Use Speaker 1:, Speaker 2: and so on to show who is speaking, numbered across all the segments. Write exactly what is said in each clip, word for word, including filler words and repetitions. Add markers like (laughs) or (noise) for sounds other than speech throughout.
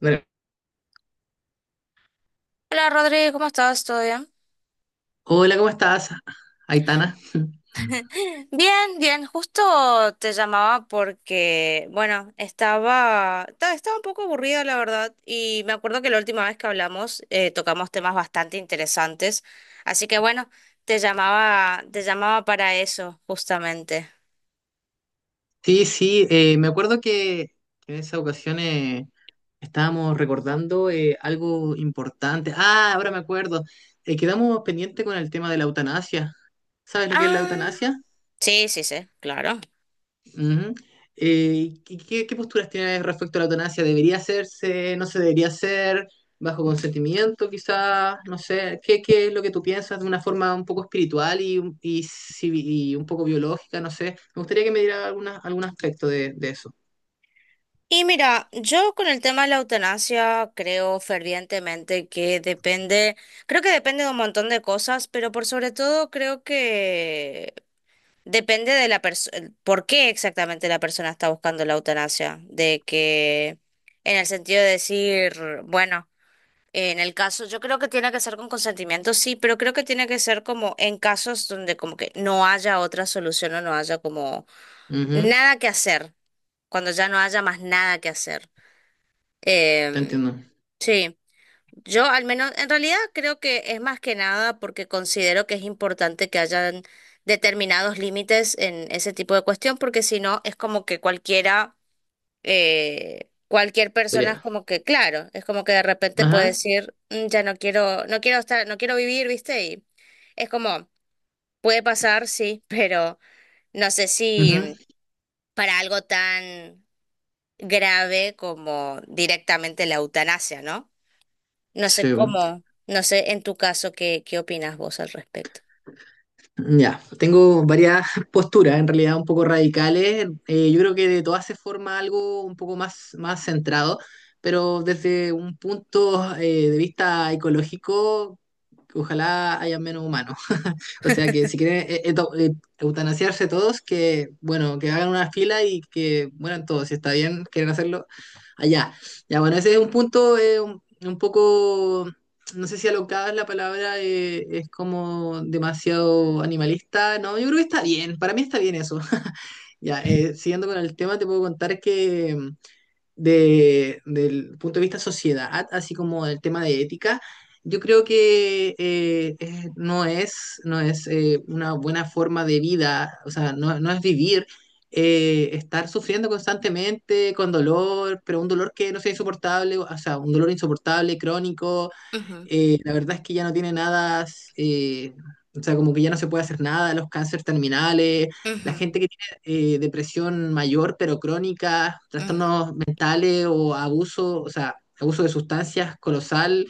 Speaker 1: Bueno,
Speaker 2: Hola Rodri, ¿cómo estás? ¿Todo bien?
Speaker 1: hola, ¿cómo estás, Aitana?
Speaker 2: (laughs) Bien, bien, justo te llamaba porque, bueno, estaba, ta- estaba un poco aburrida, la verdad, y me acuerdo que la última vez que hablamos eh, tocamos temas bastante interesantes, así que bueno, te llamaba, te llamaba para eso justamente.
Speaker 1: Sí, sí, eh, me acuerdo que en esa ocasión eh, estábamos recordando eh, algo importante. Ah, ahora me acuerdo. Eh, quedamos pendiente con el tema de la eutanasia. ¿Sabes lo que es la
Speaker 2: Ah,
Speaker 1: eutanasia?
Speaker 2: sí, sí, sí, claro.
Speaker 1: Ujú. Eh, ¿qué, qué- qué posturas tienes respecto a la eutanasia? ¿Debería hacerse? ¿No se debería hacer? ¿Bajo consentimiento, quizás? No sé. ¿Qué, qué es lo que tú piensas de una forma un poco espiritual y, un- y, civi- y un poco biológica? No sé. Me gustaría que me diera alguna, algún aspecto de, de eso.
Speaker 2: Y mira, yo con el tema de la eutanasia creo fervientemente que depende, creo que depende de un montón de cosas, pero por sobre todo creo que depende de la persona, por qué exactamente la persona está buscando la eutanasia, de que en el sentido de decir, bueno, en el caso, yo creo que tiene que ser con consentimiento, sí, pero creo que tiene que ser como en casos donde como que no haya otra solución o no haya como
Speaker 1: Ujú.
Speaker 2: nada que hacer, cuando ya no haya más nada que hacer.
Speaker 1: Te
Speaker 2: Em,
Speaker 1: entiendo.
Speaker 2: sí, yo al menos, en realidad, creo que es más que nada porque considero que es importante que hayan determinados límites en ese tipo de cuestión, porque si no es como que cualquiera, eh, cualquier persona es
Speaker 1: Podría.
Speaker 2: como que, claro, es como que de repente puede
Speaker 1: Ajá.
Speaker 2: decir, "Mm, ya no quiero, no quiero estar, no quiero vivir, ¿viste?" Y es como, puede pasar, sí, (laughs) pero no sé
Speaker 1: Ujú.
Speaker 2: si para algo tan grave como directamente la eutanasia, ¿no? No sé
Speaker 1: Sí.
Speaker 2: cómo, no sé en tu caso qué, qué opinas vos al respecto.
Speaker 1: Ya, tengo varias (laughs) posturas, en realidad un poco radicales. Eh, yo creo que de todas se forma algo un poco más, más centrado, pero desde un punto eh, de vista ecológico, ojalá haya menos humanos. O sea que si quieren eh, eto- eh, eutanasiarse todos, que bueno, que hagan una fila y que mueran todos. Si está bien, quieren hacerlo allá. Ya, bueno, ese es un punto eh, un, un poco, no sé si alocada es la palabra, eh, es como demasiado animalista. No, yo creo que está bien, para mí está bien eso. (laughs) Ya, eh, siguiendo con el tema, te puedo contar que de, del punto de vista sociedad, así como del tema de ética, yo creo que eh, eh, no es, no es eh, una buena forma de vida, o sea, no, no es vivir, eh, estar sufriendo constantemente con dolor, pero un dolor que no sea insoportable, o sea, un dolor insoportable, crónico,
Speaker 2: Ujú,
Speaker 1: eh, la verdad es que ya no tiene nada, eh, o sea, como que ya no se puede hacer nada, los cánceres terminales, la
Speaker 2: ujú,
Speaker 1: gente que tiene eh, depresión mayor pero crónica,
Speaker 2: ujú,
Speaker 1: trastornos mentales o abuso, o sea, abuso de sustancias colosal,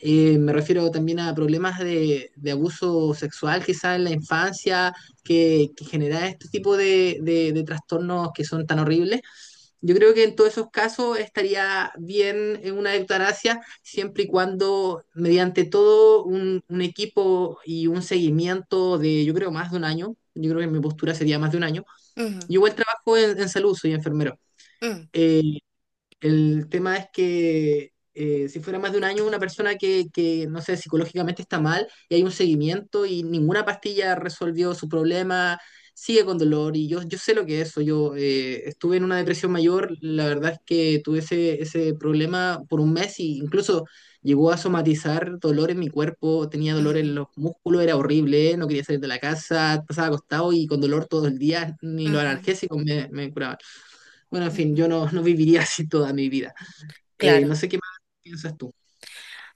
Speaker 1: eh, me refiero también a problemas de, de abuso sexual quizá en la infancia, que, que genera este tipo de, de de trastornos que son tan horribles. Yo creo que en todos esos casos estaría bien en una eutanasia siempre y cuando mediante todo un, un equipo y un seguimiento de, yo creo, más de un año. Yo creo que mi postura sería más de un año.
Speaker 2: ujú,
Speaker 1: Yo igual trabajo en, en salud, soy enfermero.
Speaker 2: mm,
Speaker 1: Eh, el tema es que eh, si fuera más de un año, una persona que, que, no sé, psicológicamente está mal y hay un seguimiento y ninguna pastilla resolvió su problema, sigue con dolor y yo, yo sé lo que es eso. Yo eh, estuve en una depresión mayor, la verdad es que tuve ese, ese problema por un mes y incluso llegó a somatizar dolor en mi cuerpo, tenía dolor en
Speaker 2: ujú,
Speaker 1: los músculos, era horrible, no quería salir de la casa, pasaba acostado y con dolor todo el día, ni los
Speaker 2: ujú,
Speaker 1: analgésicos me, me curaban. Bueno, en fin,
Speaker 2: ujú.
Speaker 1: yo no, no viviría (laughs) así toda mi vida. Eh,
Speaker 2: Claro.
Speaker 1: no sé qué más piensas tú.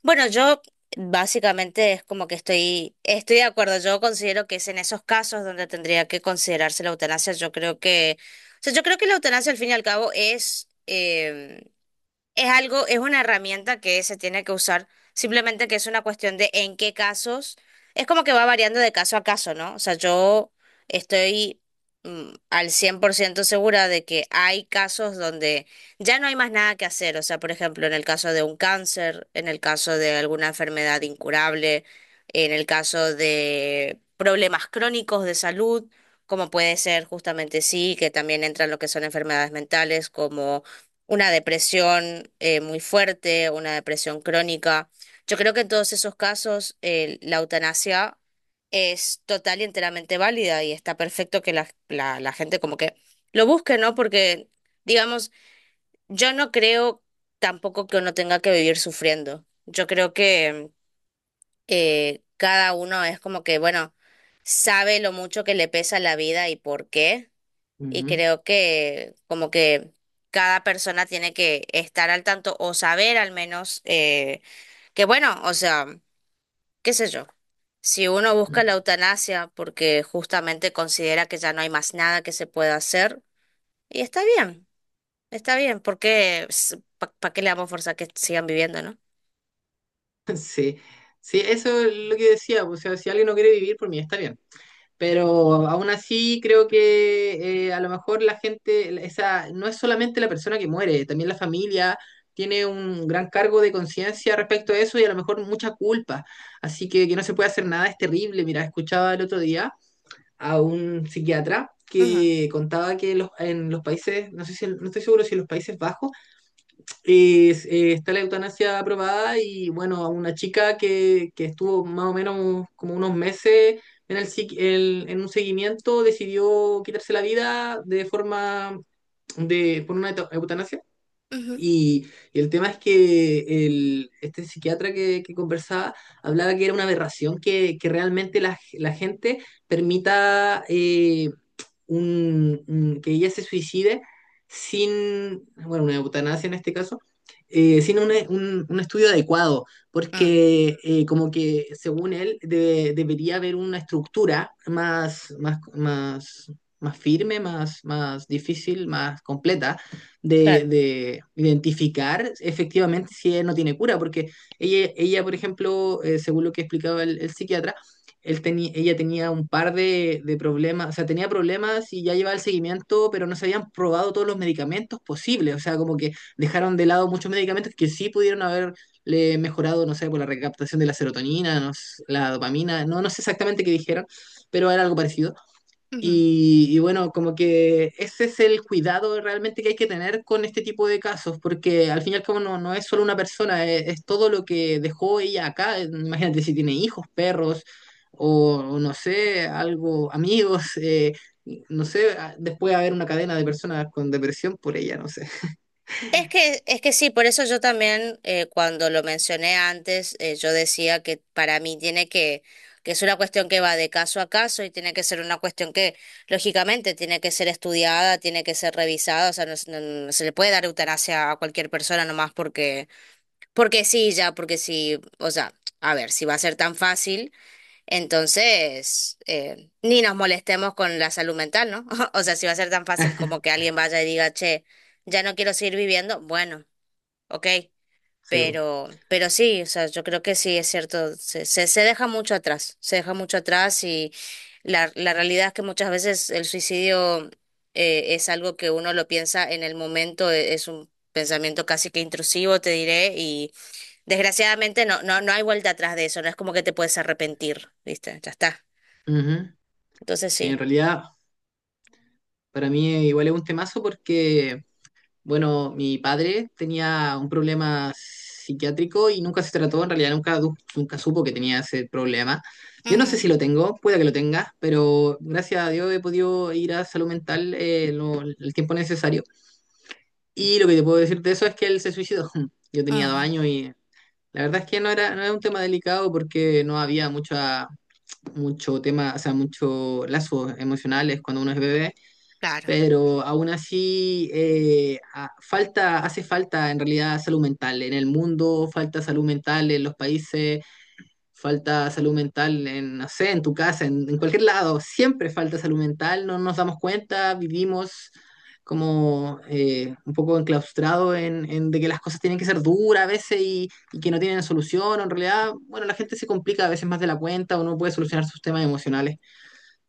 Speaker 2: Bueno, yo básicamente es como que estoy, estoy de acuerdo. Yo considero que es en esos casos donde tendría que considerarse la eutanasia. Yo creo que, o sea, yo creo que la eutanasia al fin y al cabo es em, es algo, es una herramienta que se tiene que usar, simplemente que es una cuestión de en qué casos, es como que va variando de caso a caso, ¿no? O sea, yo estoy mm, al cien por ciento segura de que hay casos donde ya no hay más nada que hacer, o sea, por ejemplo, en el caso de un cáncer, en el caso de alguna enfermedad incurable, en el caso de problemas crónicos de salud, como puede ser, justamente, sí, que también entran lo que son enfermedades mentales, como una depresión eh, muy fuerte, una depresión crónica. Yo creo que en todos esos casos eh, la eutanasia es total y enteramente válida, y está perfecto que la, la, la gente como que lo busque, ¿no? Porque, digamos, yo no creo tampoco que uno tenga que vivir sufriendo. Yo creo que eh, cada uno es como que, bueno, sabe lo mucho que le pesa la vida y por qué. Y
Speaker 1: Ujú.
Speaker 2: creo que como que cada persona tiene que estar al tanto o saber al menos eh, que bueno, o sea, qué sé yo, si uno busca la
Speaker 1: (laughs)
Speaker 2: eutanasia porque justamente considera que ya no hay más nada que se pueda hacer, y está bien, está bien, porque ¿para qué le damos fuerza a que sigan viviendo, no?
Speaker 1: Sí, sí, eso es lo que decía, pues, o sea, si alguien no quiere vivir por mí, está bien. Pero aún así creo que eh, a lo mejor la gente, esa, no es solamente la persona que muere, también la familia tiene un gran cargo de conciencia respecto a eso y a lo mejor mucha culpa. Así que que no se puede hacer nada es terrible. Mira, escuchaba el otro día a un psiquiatra
Speaker 2: Ujú,
Speaker 1: que contaba que los- en los países, no sé si, no estoy seguro si en los Países Bajos es- eh, está la eutanasia aprobada y bueno, a una chica que, que estuvo más o menos como unos meses en, el, psiqui- el- en un seguimiento decidió quitarse la vida de forma de, por una euta- eutanasia.
Speaker 2: ujú,
Speaker 1: Y, y el tema es que el, este psiquiatra que, que conversaba hablaba que era una aberración que, que realmente la, la gente permita eh, un- un- que ella se suicide sin, bueno, una eutanasia en este caso, eh, sin un, un- un estudio adecuado,
Speaker 2: mm,
Speaker 1: porque eh, como que según él de- debería haber una estructura más, más, más, más firme, más, más difícil, más completa de,
Speaker 2: claro.
Speaker 1: de identificar efectivamente si ella no tiene cura, porque ella, ella por ejemplo, eh, según lo que explicaba el, el psiquiatra, él teni- ella tenía un par de, de problemas, o sea, tenía problemas y ya llevaba el seguimiento, pero no se habían probado todos los medicamentos posibles, o sea, como que dejaron de lado muchos medicamentos que sí pudieron haberle mejorado, no sé, por la recaptación de la serotonina, no s- la dopamina, no, no sé exactamente qué dijeron, pero era algo parecido. Y, y bueno, como que ese es el cuidado realmente que hay que tener con este tipo de casos, porque al fin y al cabo no, no es solo una persona, es, es todo lo que dejó ella acá. Imagínate si tiene hijos, perros, o, o no sé, algo, amigos, (laughs) eh, no sé, a- después haber una cadena de personas con depresión por ella, no sé.
Speaker 2: Es que, es que sí, por eso yo también, eh, cuando lo mencioné antes, eh, yo decía que para mí tiene que, que es una cuestión que va de caso a caso y tiene que ser una cuestión que, lógicamente, tiene que ser estudiada, tiene que ser revisada, o sea, no, es- no- no se le puede dar eutanasia a cualquier persona nomás porque, porque sí, ya, porque sí, o sea, a ver, si va a ser tan fácil, entonces eh, ni nos molestemos con la salud mental, ¿no? (laughs) O sea, si va a ser tan fácil como que alguien vaya y diga, che, ya no quiero seguir viviendo, bueno. ¿Ok?
Speaker 1: Sí, bo.
Speaker 2: Pero, pero sí, o sea, yo creo que sí, es cierto, se, se, se deja mucho atrás, se deja mucho atrás, y la, la realidad es que muchas veces el suicidio eh, es algo que uno lo piensa en el momento, e- es un pensamiento casi que intrusivo, te diré, y desgraciadamente no, no, no hay vuelta atrás de eso, no es como que te puedes arrepentir, ¿viste? Ya está.
Speaker 1: Ujú.
Speaker 2: Entonces
Speaker 1: Sí, en
Speaker 2: sí.
Speaker 1: realidad para mí igual es un temazo porque bueno, mi padre tenía un problema psiquiátrico y nunca se trató, en realidad nunca, du- nunca supo que tenía ese problema. Yo no sé
Speaker 2: Mm,
Speaker 1: si lo tengo, puede que lo tenga, pero gracias a Dios he podido ir a salud mental eh, lo- el tiempo necesario. Y lo que te puedo decir de eso es que él se suicidó. (laughs) Yo tenía dos
Speaker 2: ujú,
Speaker 1: años y la verdad es que no era, no era un tema delicado porque no había mucha, mucho tema, o sea, mucho lazos emocionales cuando uno es bebé,
Speaker 2: claro.
Speaker 1: pero aún así eh, a- falta, hace falta en realidad salud mental. En el mundo falta salud mental en los países, falta salud mental en, no sé, en tu casa, en, en cualquier lado, siempre falta salud mental, no nos damos cuenta, vivimos como eh, un poco enclaustrado en, en de que las cosas tienen que ser duras a veces y, y que no tienen solución, o en realidad, bueno, la gente se complica a veces más de la cuenta o no puede solucionar sus temas emocionales.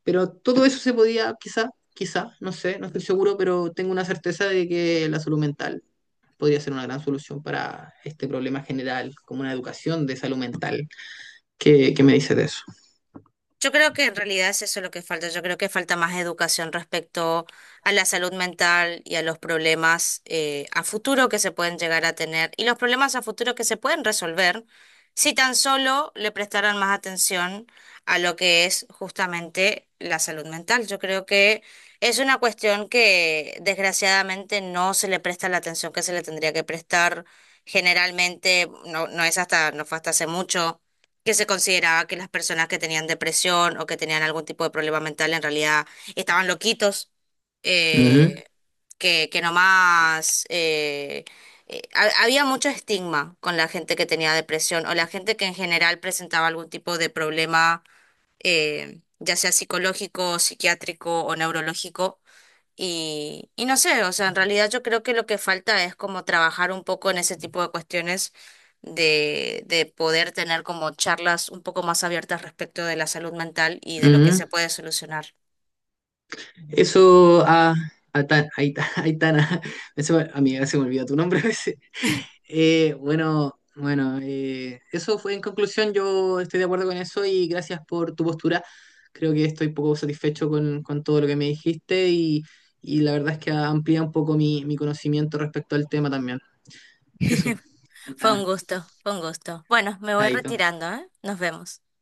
Speaker 1: Pero todo eso se podía, quizá, quizá, no sé, no estoy seguro, pero tengo una certeza de que la salud mental podría ser una gran solución para este problema general, como una educación de salud mental. ¿Qué, qué me dices de eso?
Speaker 2: Yo creo que en realidad es eso lo que falta. Yo creo que falta más educación respecto a la salud mental y a los problemas eh, a futuro que se pueden llegar a tener, y los problemas a futuro que se pueden resolver si tan solo le prestaran más atención a lo que es justamente la salud mental. Yo creo que es una cuestión que desgraciadamente no se le presta la atención que se le tendría que prestar generalmente. No, no es hasta, no fue hasta hace mucho que se consideraba que las personas que tenían depresión o que tenían algún tipo de problema mental en realidad estaban loquitos,
Speaker 1: Ujú,
Speaker 2: eh, que, que nomás eh, eh, ha- había mucho estigma con la gente que tenía depresión o la gente que en general presentaba algún tipo de problema, eh, ya sea psicológico, psiquiátrico o neurológico, y, y no sé, o sea, en realidad, yo creo que lo que falta es como trabajar un poco en ese tipo de cuestiones, de, de poder tener como charlas un poco más abiertas respecto de la salud mental y de lo que
Speaker 1: ujú.
Speaker 2: se puede solucionar.
Speaker 1: Eso, a Aitana, Aitana, (laughs) ese- amiga, se me olvida tu nombre a veces. Eh, bueno, bueno, eh, eso fue en conclusión. Yo estoy de acuerdo con eso y gracias por tu postura. Creo que estoy poco satisfecho con, con todo lo que me dijiste y, y la verdad es que amplía un poco mi, mi conocimiento respecto al tema también. Eso,
Speaker 2: (laughs) Fue un
Speaker 1: Aitana,
Speaker 2: gusto, fue un gusto. Bueno, me voy
Speaker 1: Aito.
Speaker 2: retirando, ¿eh? Nos vemos.